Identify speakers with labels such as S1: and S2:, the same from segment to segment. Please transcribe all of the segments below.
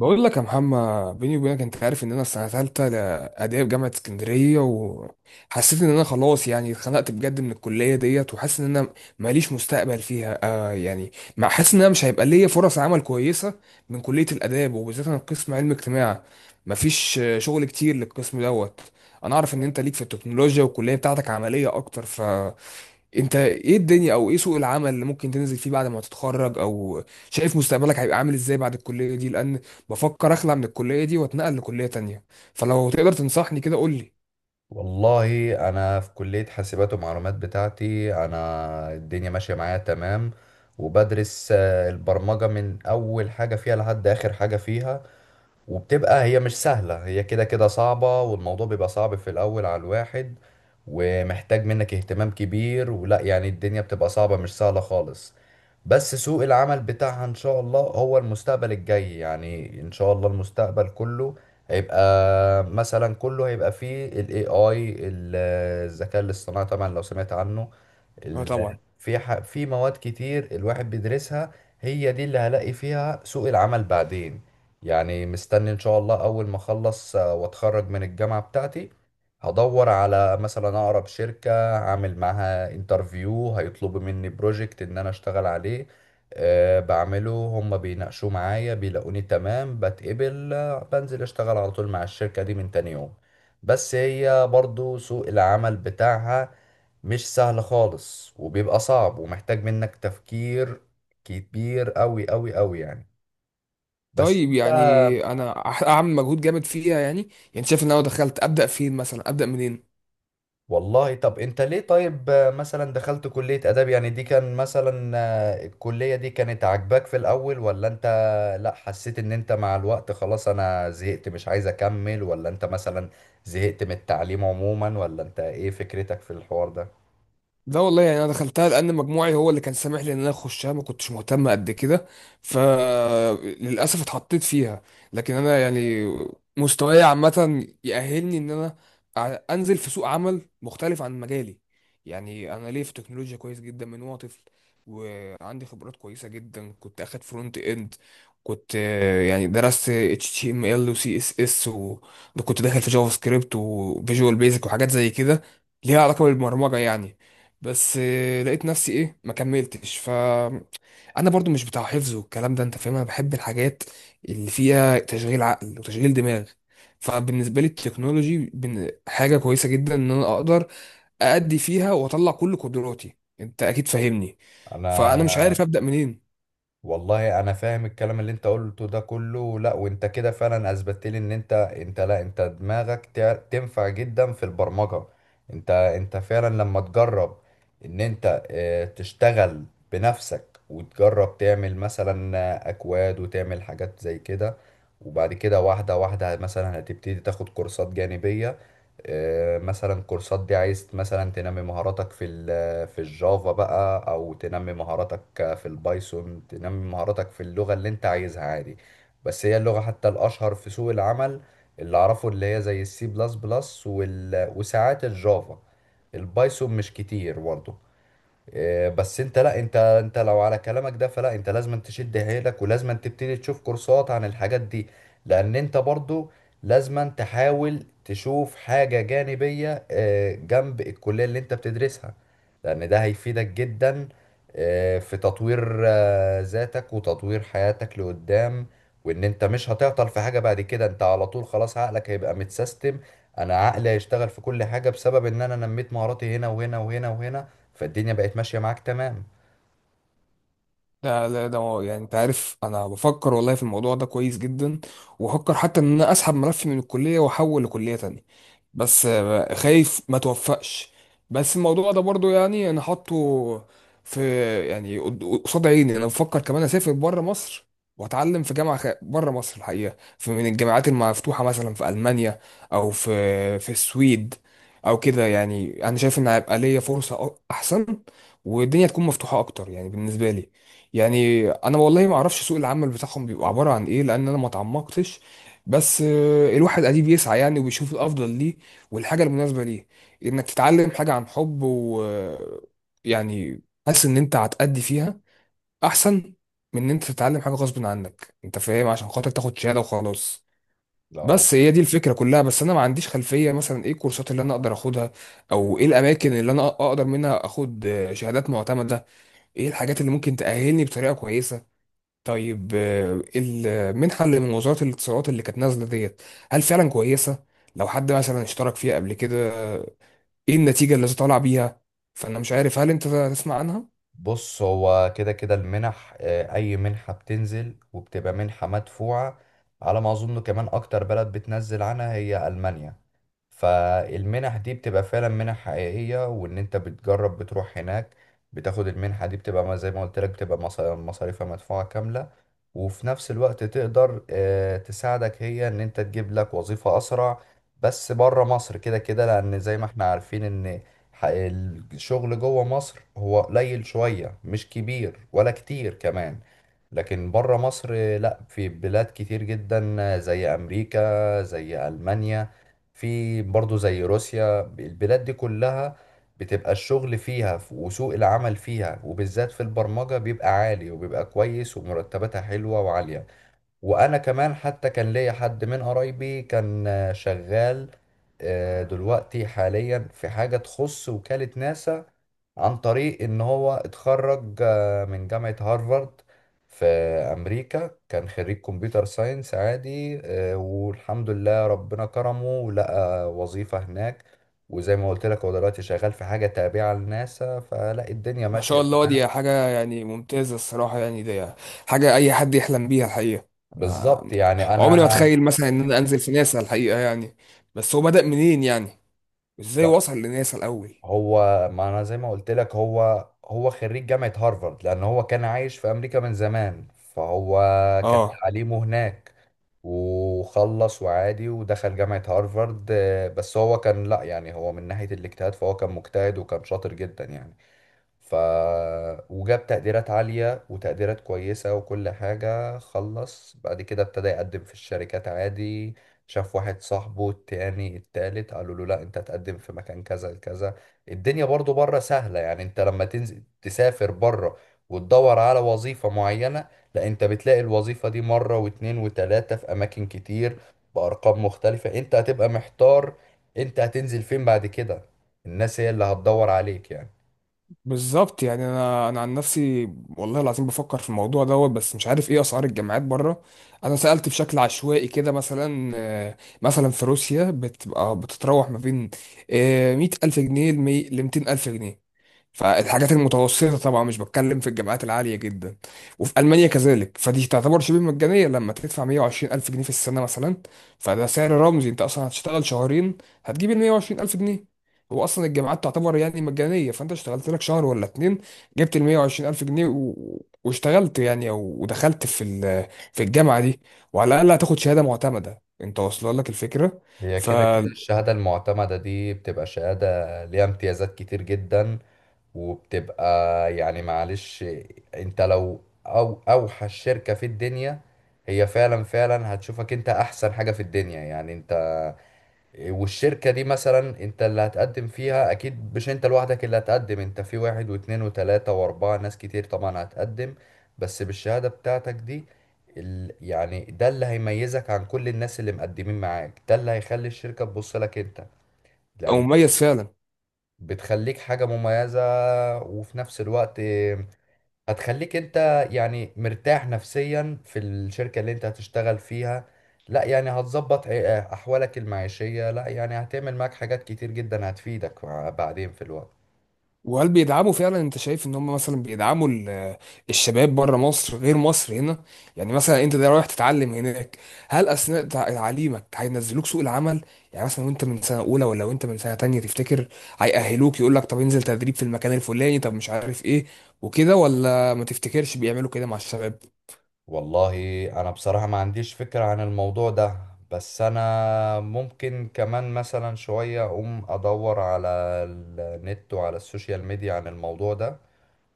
S1: بقول لك يا محمد، بيني وبينك انت عارف ان انا السنه ثالثه اداب جامعه اسكندريه، وحسيت ان انا خلاص، يعني اتخنقت بجد من الكليه ديت، وحاسس ان انا ماليش مستقبل فيها، آه يعني. حاسس ان انا مش هيبقى ليا فرص عمل كويسه من كليه الاداب، وبالذات انا قسم علم اجتماع. مفيش، شغل كتير للقسم دوت. انا اعرف ان انت ليك في التكنولوجيا، والكليه بتاعتك عمليه اكتر. انت ايه الدنيا، او ايه سوق العمل اللي ممكن تنزل فيه بعد ما تتخرج؟ او شايف مستقبلك هيبقى عامل ازاي بعد الكلية دي؟ لان بفكر اخلع من الكلية دي واتنقل لكلية تانية، فلو تقدر تنصحني كده قول لي.
S2: والله انا في كلية حاسبات ومعلومات بتاعتي، انا الدنيا ماشية معايا تمام. وبدرس البرمجة من اول حاجة فيها لحد اخر حاجة فيها. وبتبقى هي مش سهلة، هي كده كده صعبة، والموضوع بيبقى صعب في الأول على الواحد، ومحتاج منك اهتمام كبير، ولا يعني الدنيا بتبقى صعبة، مش سهلة خالص. بس سوق العمل بتاعها إن شاء الله هو المستقبل الجاي، يعني إن شاء الله المستقبل كله هيبقى مثلا، كله هيبقى فيه ال AI الذكاء الاصطناعي طبعا لو سمعت عنه.
S1: اه طبعا.
S2: في مواد كتير الواحد بيدرسها، هي دي اللي هلاقي فيها سوق العمل بعدين. يعني مستني ان شاء الله اول ما اخلص واتخرج من الجامعة بتاعتي، هدور على مثلا اقرب شركة، اعمل معاها انترفيو، هيطلبوا مني بروجكت ان انا اشتغل عليه. بعمله، هم بيناقشوا معايا، بيلاقوني تمام، بتقبل بنزل اشتغل على طول مع الشركة دي من تاني يوم. بس هي برضو سوق العمل بتاعها مش سهل خالص، وبيبقى صعب، ومحتاج منك تفكير كبير قوي قوي قوي يعني. بس
S1: طيب
S2: انت
S1: يعني انا هعمل مجهود جامد فيها يعني. يعني شايف ان انا لو دخلت ابدا فين؟ مثلا ابدا منين؟
S2: والله، طب انت ليه طيب مثلا دخلت كلية آداب؟ يعني دي كان مثلا الكلية دي كانت عاجباك في الأول، ولا انت لا حسيت ان انت مع الوقت خلاص انا زهقت مش عايز اكمل، ولا انت مثلا زهقت من التعليم عموما، ولا انت ايه فكرتك في الحوار ده؟
S1: ده والله يعني انا دخلتها لان مجموعي هو اللي كان سامح لي ان انا اخشها، ما كنتش مهتم قد كده، فللاسف اتحطيت فيها. لكن انا يعني مستواي عامه يأهلني ان انا انزل في سوق عمل مختلف عن مجالي. يعني انا ليه في تكنولوجيا كويس جدا من وانا طفل، وعندي خبرات كويسه جدا. كنت اخد فرونت اند، كنت، يعني درست اتش تي ام ال وسي اس اس، وكنت داخل في جافا سكريبت وفيجوال بيزك وحاجات زي كده ليها علاقه بالبرمجه يعني. بس، لقيت نفسي ايه، ما كملتش. ف انا برضو مش بتاع حفظ والكلام ده انت فاهم. انا بحب الحاجات اللي فيها تشغيل عقل وتشغيل دماغ. فبالنسبه لي التكنولوجي حاجه كويسه جدا ان انا اقدر ادي فيها واطلع كل قدراتي، انت اكيد فاهمني. فانا مش
S2: انا
S1: عارف ابدا منين.
S2: والله انا فاهم الكلام اللي انت قلته ده كله، لا وانت كده فعلا اثبتت لي ان انت لا انت دماغك تنفع جدا في البرمجة. انت فعلا لما تجرب ان انت تشتغل بنفسك، وتجرب تعمل مثلا اكواد، وتعمل حاجات زي كده، وبعد كده واحدة واحدة مثلا هتبتدي تاخد كورسات جانبية مثلا. كورسات دي عايز مثلا تنمي مهاراتك في الجافا بقى، او تنمي مهاراتك في البايثون، تنمي مهاراتك في اللغة اللي انت عايزها عادي. بس هي اللغة حتى الاشهر في سوق العمل اللي اعرفه اللي هي زي السي بلس بلس وساعات الجافا، البايثون مش كتير برضه. إيه، بس انت لا انت لو على كلامك ده فلا انت لازم تشد حيلك، ولازم تبتدي تشوف كورسات عن الحاجات دي. لان انت برضو لازم تحاول تشوف حاجة جانبية جنب الكلية اللي انت بتدرسها، لان ده هيفيدك جدا في تطوير ذاتك وتطوير حياتك لقدام. وان انت مش هتعطل في حاجة بعد كده، انت على طول خلاص عقلك هيبقى متسيستم. انا عقلي هيشتغل في كل حاجه بسبب ان انا نميت مهاراتي هنا وهنا وهنا وهنا، فالدنيا بقت ماشيه معاك تمام.
S1: ده يعني انت عارف انا بفكر والله في الموضوع ده كويس جدا، وبفكر حتى ان انا اسحب ملفي من الكليه واحول لكليه تانية. بس، خايف ما توفقش. بس الموضوع ده برضو يعني انا حاطه في، يعني قصاد عيني. انا بفكر كمان اسافر بره مصر واتعلم في جامعه بره مصر. الحقيقه في من الجامعات المفتوحه مثلا في المانيا، او في السويد، او كده. يعني انا شايف ان هيبقى ليا فرصه احسن والدنيا تكون مفتوحه اكتر، يعني بالنسبه لي. يعني انا والله ما اعرفش سوق العمل بتاعهم بيبقى عباره عن ايه، لان انا ما اتعمقتش. بس، الواحد اديه بيسعى يعني، وبيشوف الافضل ليه والحاجه المناسبه ليه. انك تتعلم حاجه عن حب و يعني حاسس ان انت هتأدي فيها احسن من ان انت تتعلم حاجه غصب عنك، انت فاهم، عشان خاطر تاخد شهاده وخلاص.
S2: لا،
S1: بس هي دي الفكره كلها. بس انا ما عنديش خلفيه مثلا ايه الكورسات اللي انا اقدر اخدها، او ايه الاماكن اللي انا اقدر منها اخد، شهادات معتمده، ايه الحاجات اللي ممكن تأهلني بطريقه كويسه. طيب، المنحة اللي من وزارة الاتصالات اللي كانت نازلة ديت، هل فعلا كويسة؟ لو حد مثلا اشترك فيها قبل كده، آه، ايه النتيجة اللي طالع بيها؟ فأنا مش عارف، هل أنت تسمع عنها؟
S2: بص هو كده كده المنح اي منحة بتنزل وبتبقى منحة مدفوعة. على ما اظن كمان اكتر بلد بتنزل عنها هي المانيا. فالمنح دي بتبقى فعلا منح حقيقية، وان انت بتجرب بتروح هناك، بتاخد المنحة دي، بتبقى زي ما قلت لك بتبقى مصاريفها مدفوعة كاملة. وفي نفس الوقت تقدر تساعدك هي ان انت تجيب لك وظيفة اسرع. بس بره مصر كده كده، لان زي ما احنا عارفين ان ح- الشغل جوه مصر هو قليل شوية، مش كبير ولا كتير كمان. لكن بره مصر لا، في بلاد كتير جدا، زي أمريكا، زي ألمانيا، في برضو زي روسيا، البلاد دي كلها بتبقى الشغل فيها وسوق العمل فيها، وبالذات في البرمجة، بيبقى عالي وبيبقى كويس، ومرتباتها حلوة وعالية. وانا كمان حتى كان ليا حد من قرايبي كان شغال دلوقتي حاليا في حاجة تخص وكالة ناسا، عن طريق ان هو اتخرج من جامعة هارفارد في امريكا، كان خريج كمبيوتر ساينس عادي والحمد لله ربنا كرمه، ولقى وظيفة هناك. وزي ما قلت لك هو دلوقتي شغال في حاجة تابعة لناسا، فلا الدنيا
S1: ما
S2: ماشية
S1: شاء الله، دي
S2: تمام.
S1: حاجة يعني ممتازة الصراحة. يعني دي حاجة أي حد يحلم بيها الحقيقة. أنا
S2: بالظبط يعني انا،
S1: عمري ما أتخيل مثلا إن أنا أنزل في ناسا الحقيقة يعني. بس هو بدأ منين يعني؟ إزاي
S2: لا،
S1: وصل لناسا الأول؟
S2: هو ما انا زي ما قلت لك هو خريج جامعة هارفارد، لان هو كان عايش في امريكا من زمان، فهو كان
S1: آه.
S2: تعليمه هناك، وخلص وعادي ودخل جامعة هارفارد بس هو كان، لا، يعني هو من ناحية الاجتهاد فهو كان مجتهد وكان شاطر جدا يعني. ف وجاب تقديرات عالية وتقديرات كويسة، وكل حاجة خلص، بعد كده ابتدى يقدم في الشركات عادي. شاف واحد صاحبه التاني التالت قالوا له لا انت هتقدم في مكان كذا كذا. الدنيا برضو بره سهلة، يعني انت لما تنزل تسافر بره وتدور على وظيفة معينة، لا انت بتلاقي الوظيفة دي مرة واتنين وتلاتة في اماكن كتير، بارقام مختلفة، انت هتبقى محتار انت هتنزل فين بعد كده. الناس هي اللي هتدور عليك يعني.
S1: بالظبط. يعني انا عن نفسي والله العظيم بفكر في الموضوع دوت، بس مش عارف ايه اسعار الجامعات بره. انا سالت بشكل عشوائي كده، مثلا، مثلا في روسيا بتبقى بتتراوح ما بين، 100,000 جنيه ل 200,000 جنيه، فالحاجات المتوسطة طبعا، مش بتكلم في الجامعات العالية جدا. وفي ألمانيا كذلك، فدي تعتبر شبه مجانية لما تدفع 120 ألف جنيه في السنة مثلا. فده سعر رمزي، أنت أصلا هتشتغل شهرين هتجيب ال 120 ألف جنيه. هو أصلا الجامعات تعتبر يعني مجانية، فأنت اشتغلت لك شهر ولا اتنين جبت ال 120 ألف جنيه واشتغلت يعني، أو ودخلت في في الجامعة دي، وعلى الأقل هتاخد شهادة معتمدة. أنت واصلة لك الفكرة.
S2: هي
S1: ف
S2: كده كده الشهادة المعتمدة دي بتبقى شهادة ليها امتيازات كتير جدا، وبتبقى يعني معلش انت لو او اوحش شركة في الدنيا هي فعلا فعلا هتشوفك انت احسن حاجة في الدنيا، يعني انت. والشركة دي مثلا انت اللي هتقدم فيها اكيد، مش انت لوحدك اللي هتقدم، انت في واحد واتنين وتلاتة واربعة ناس كتير طبعا هتقدم. بس بالشهادة بتاعتك دي يعني ده اللي هيميزك عن كل الناس اللي مقدمين معاك، ده اللي هيخلي الشركة تبص لك انت،
S1: أو
S2: لان
S1: مميز فعلا.
S2: بتخليك حاجة مميزة. وفي نفس الوقت هتخليك انت يعني مرتاح نفسيا في الشركة اللي انت هتشتغل فيها، لا يعني هتظبط احوالك المعيشية، لا يعني هتعمل معاك حاجات كتير جدا هتفيدك بعدين في الوقت.
S1: وهل بيدعموا فعلا؟ انت شايف ان هم مثلا بيدعموا الشباب بره مصر غير مصر هنا؟ يعني مثلا انت ده رايح تتعلم هناك، هل اثناء تعليمك هينزلوك سوق العمل؟ يعني مثلا وانت من سنه اولى ولا وانت من سنه تانية، تفتكر هيأهلوك يقول لك طب انزل تدريب في المكان الفلاني، طب مش عارف ايه وكده، ولا ما تفتكرش بيعملوا كده مع الشباب؟
S2: والله انا بصراحة ما عنديش فكرة عن الموضوع ده. بس انا ممكن كمان مثلا شوية اقوم ادور على النت وعلى السوشيال ميديا عن الموضوع ده،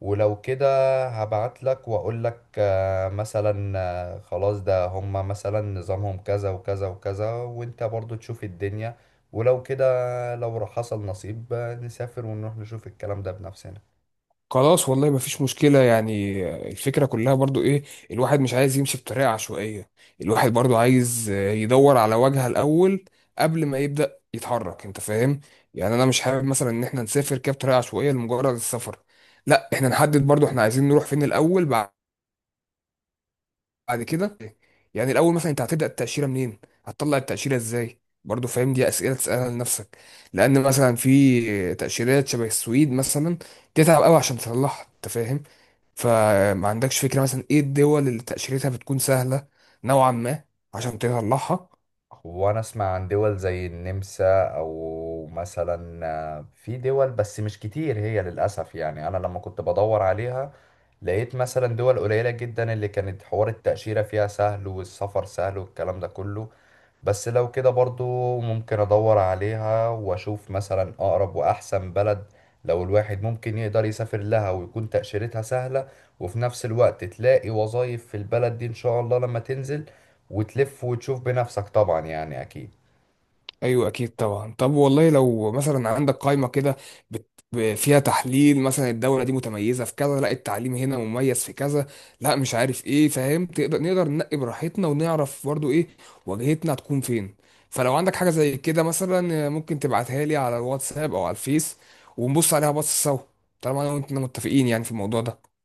S2: ولو كده هبعت لك واقول لك مثلا خلاص، ده هما مثلا نظامهم كذا وكذا وكذا، وانت برضو تشوف الدنيا. ولو كده لو حصل نصيب نسافر ونروح نشوف الكلام ده بنفسنا.
S1: خلاص، والله مفيش مشكلة يعني. الفكرة كلها برضو ايه، الواحد مش عايز يمشي بطريقة عشوائية. الواحد برضو عايز، يدور على واجهة الأول قبل ما يبدأ يتحرك، انت فاهم. يعني انا مش حابب مثلا ان احنا نسافر كده بطريقة عشوائية لمجرد السفر، لا احنا نحدد برضو احنا عايزين نروح فين الأول بعد كده. يعني الأول مثلا انت هتبدأ التأشيرة منين؟ هتطلع التأشيرة ازاي؟ برضو فاهم، دي أسئلة تسألها لنفسك. لأن مثلا في تأشيرات شبه السويد مثلا تتعب قوي عشان تطلعها، انت فاهم. فما عندكش فكرة مثلا ايه الدول اللي تأشيرتها بتكون سهلة نوعا ما عشان تطلعها؟
S2: وانا اسمع عن دول زي النمسا او مثلا في دول بس مش كتير هي للاسف يعني. انا لما كنت بدور عليها لقيت مثلا دول قليلة جدا اللي كانت حوار التأشيرة فيها سهل والسفر سهل والكلام ده كله. بس لو كده برضو ممكن ادور عليها واشوف مثلا اقرب واحسن بلد، لو الواحد ممكن يقدر يسافر لها ويكون تأشيرتها سهلة، وفي نفس الوقت تلاقي وظائف في البلد دي ان شاء الله لما تنزل وتلف وتشوف بنفسك طبعا يعني اكيد.
S1: ايوه اكيد طبعا. طب والله لو مثلا عندك قائمة كده فيها تحليل، مثلا الدولة دي متميزة في كذا، لا التعليم هنا مميز في كذا، لا مش عارف ايه، فاهم؟ تقدر نقدر ننقي براحتنا ونعرف برضو ايه واجهتنا هتكون فين. فلو عندك حاجة زي كده مثلا، ممكن تبعتها لي على الواتساب او على الفيس ونبص عليها بص سوا، طالما انا وانت متفقين يعني في الموضوع ده.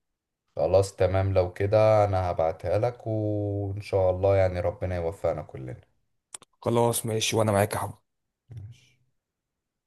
S2: خلاص تمام لو كده انا هبعتها لك، وان شاء الله يعني ربنا يوفقنا كلنا.
S1: خلاص ماشي، وانا معاك يا حب.
S2: ماشي.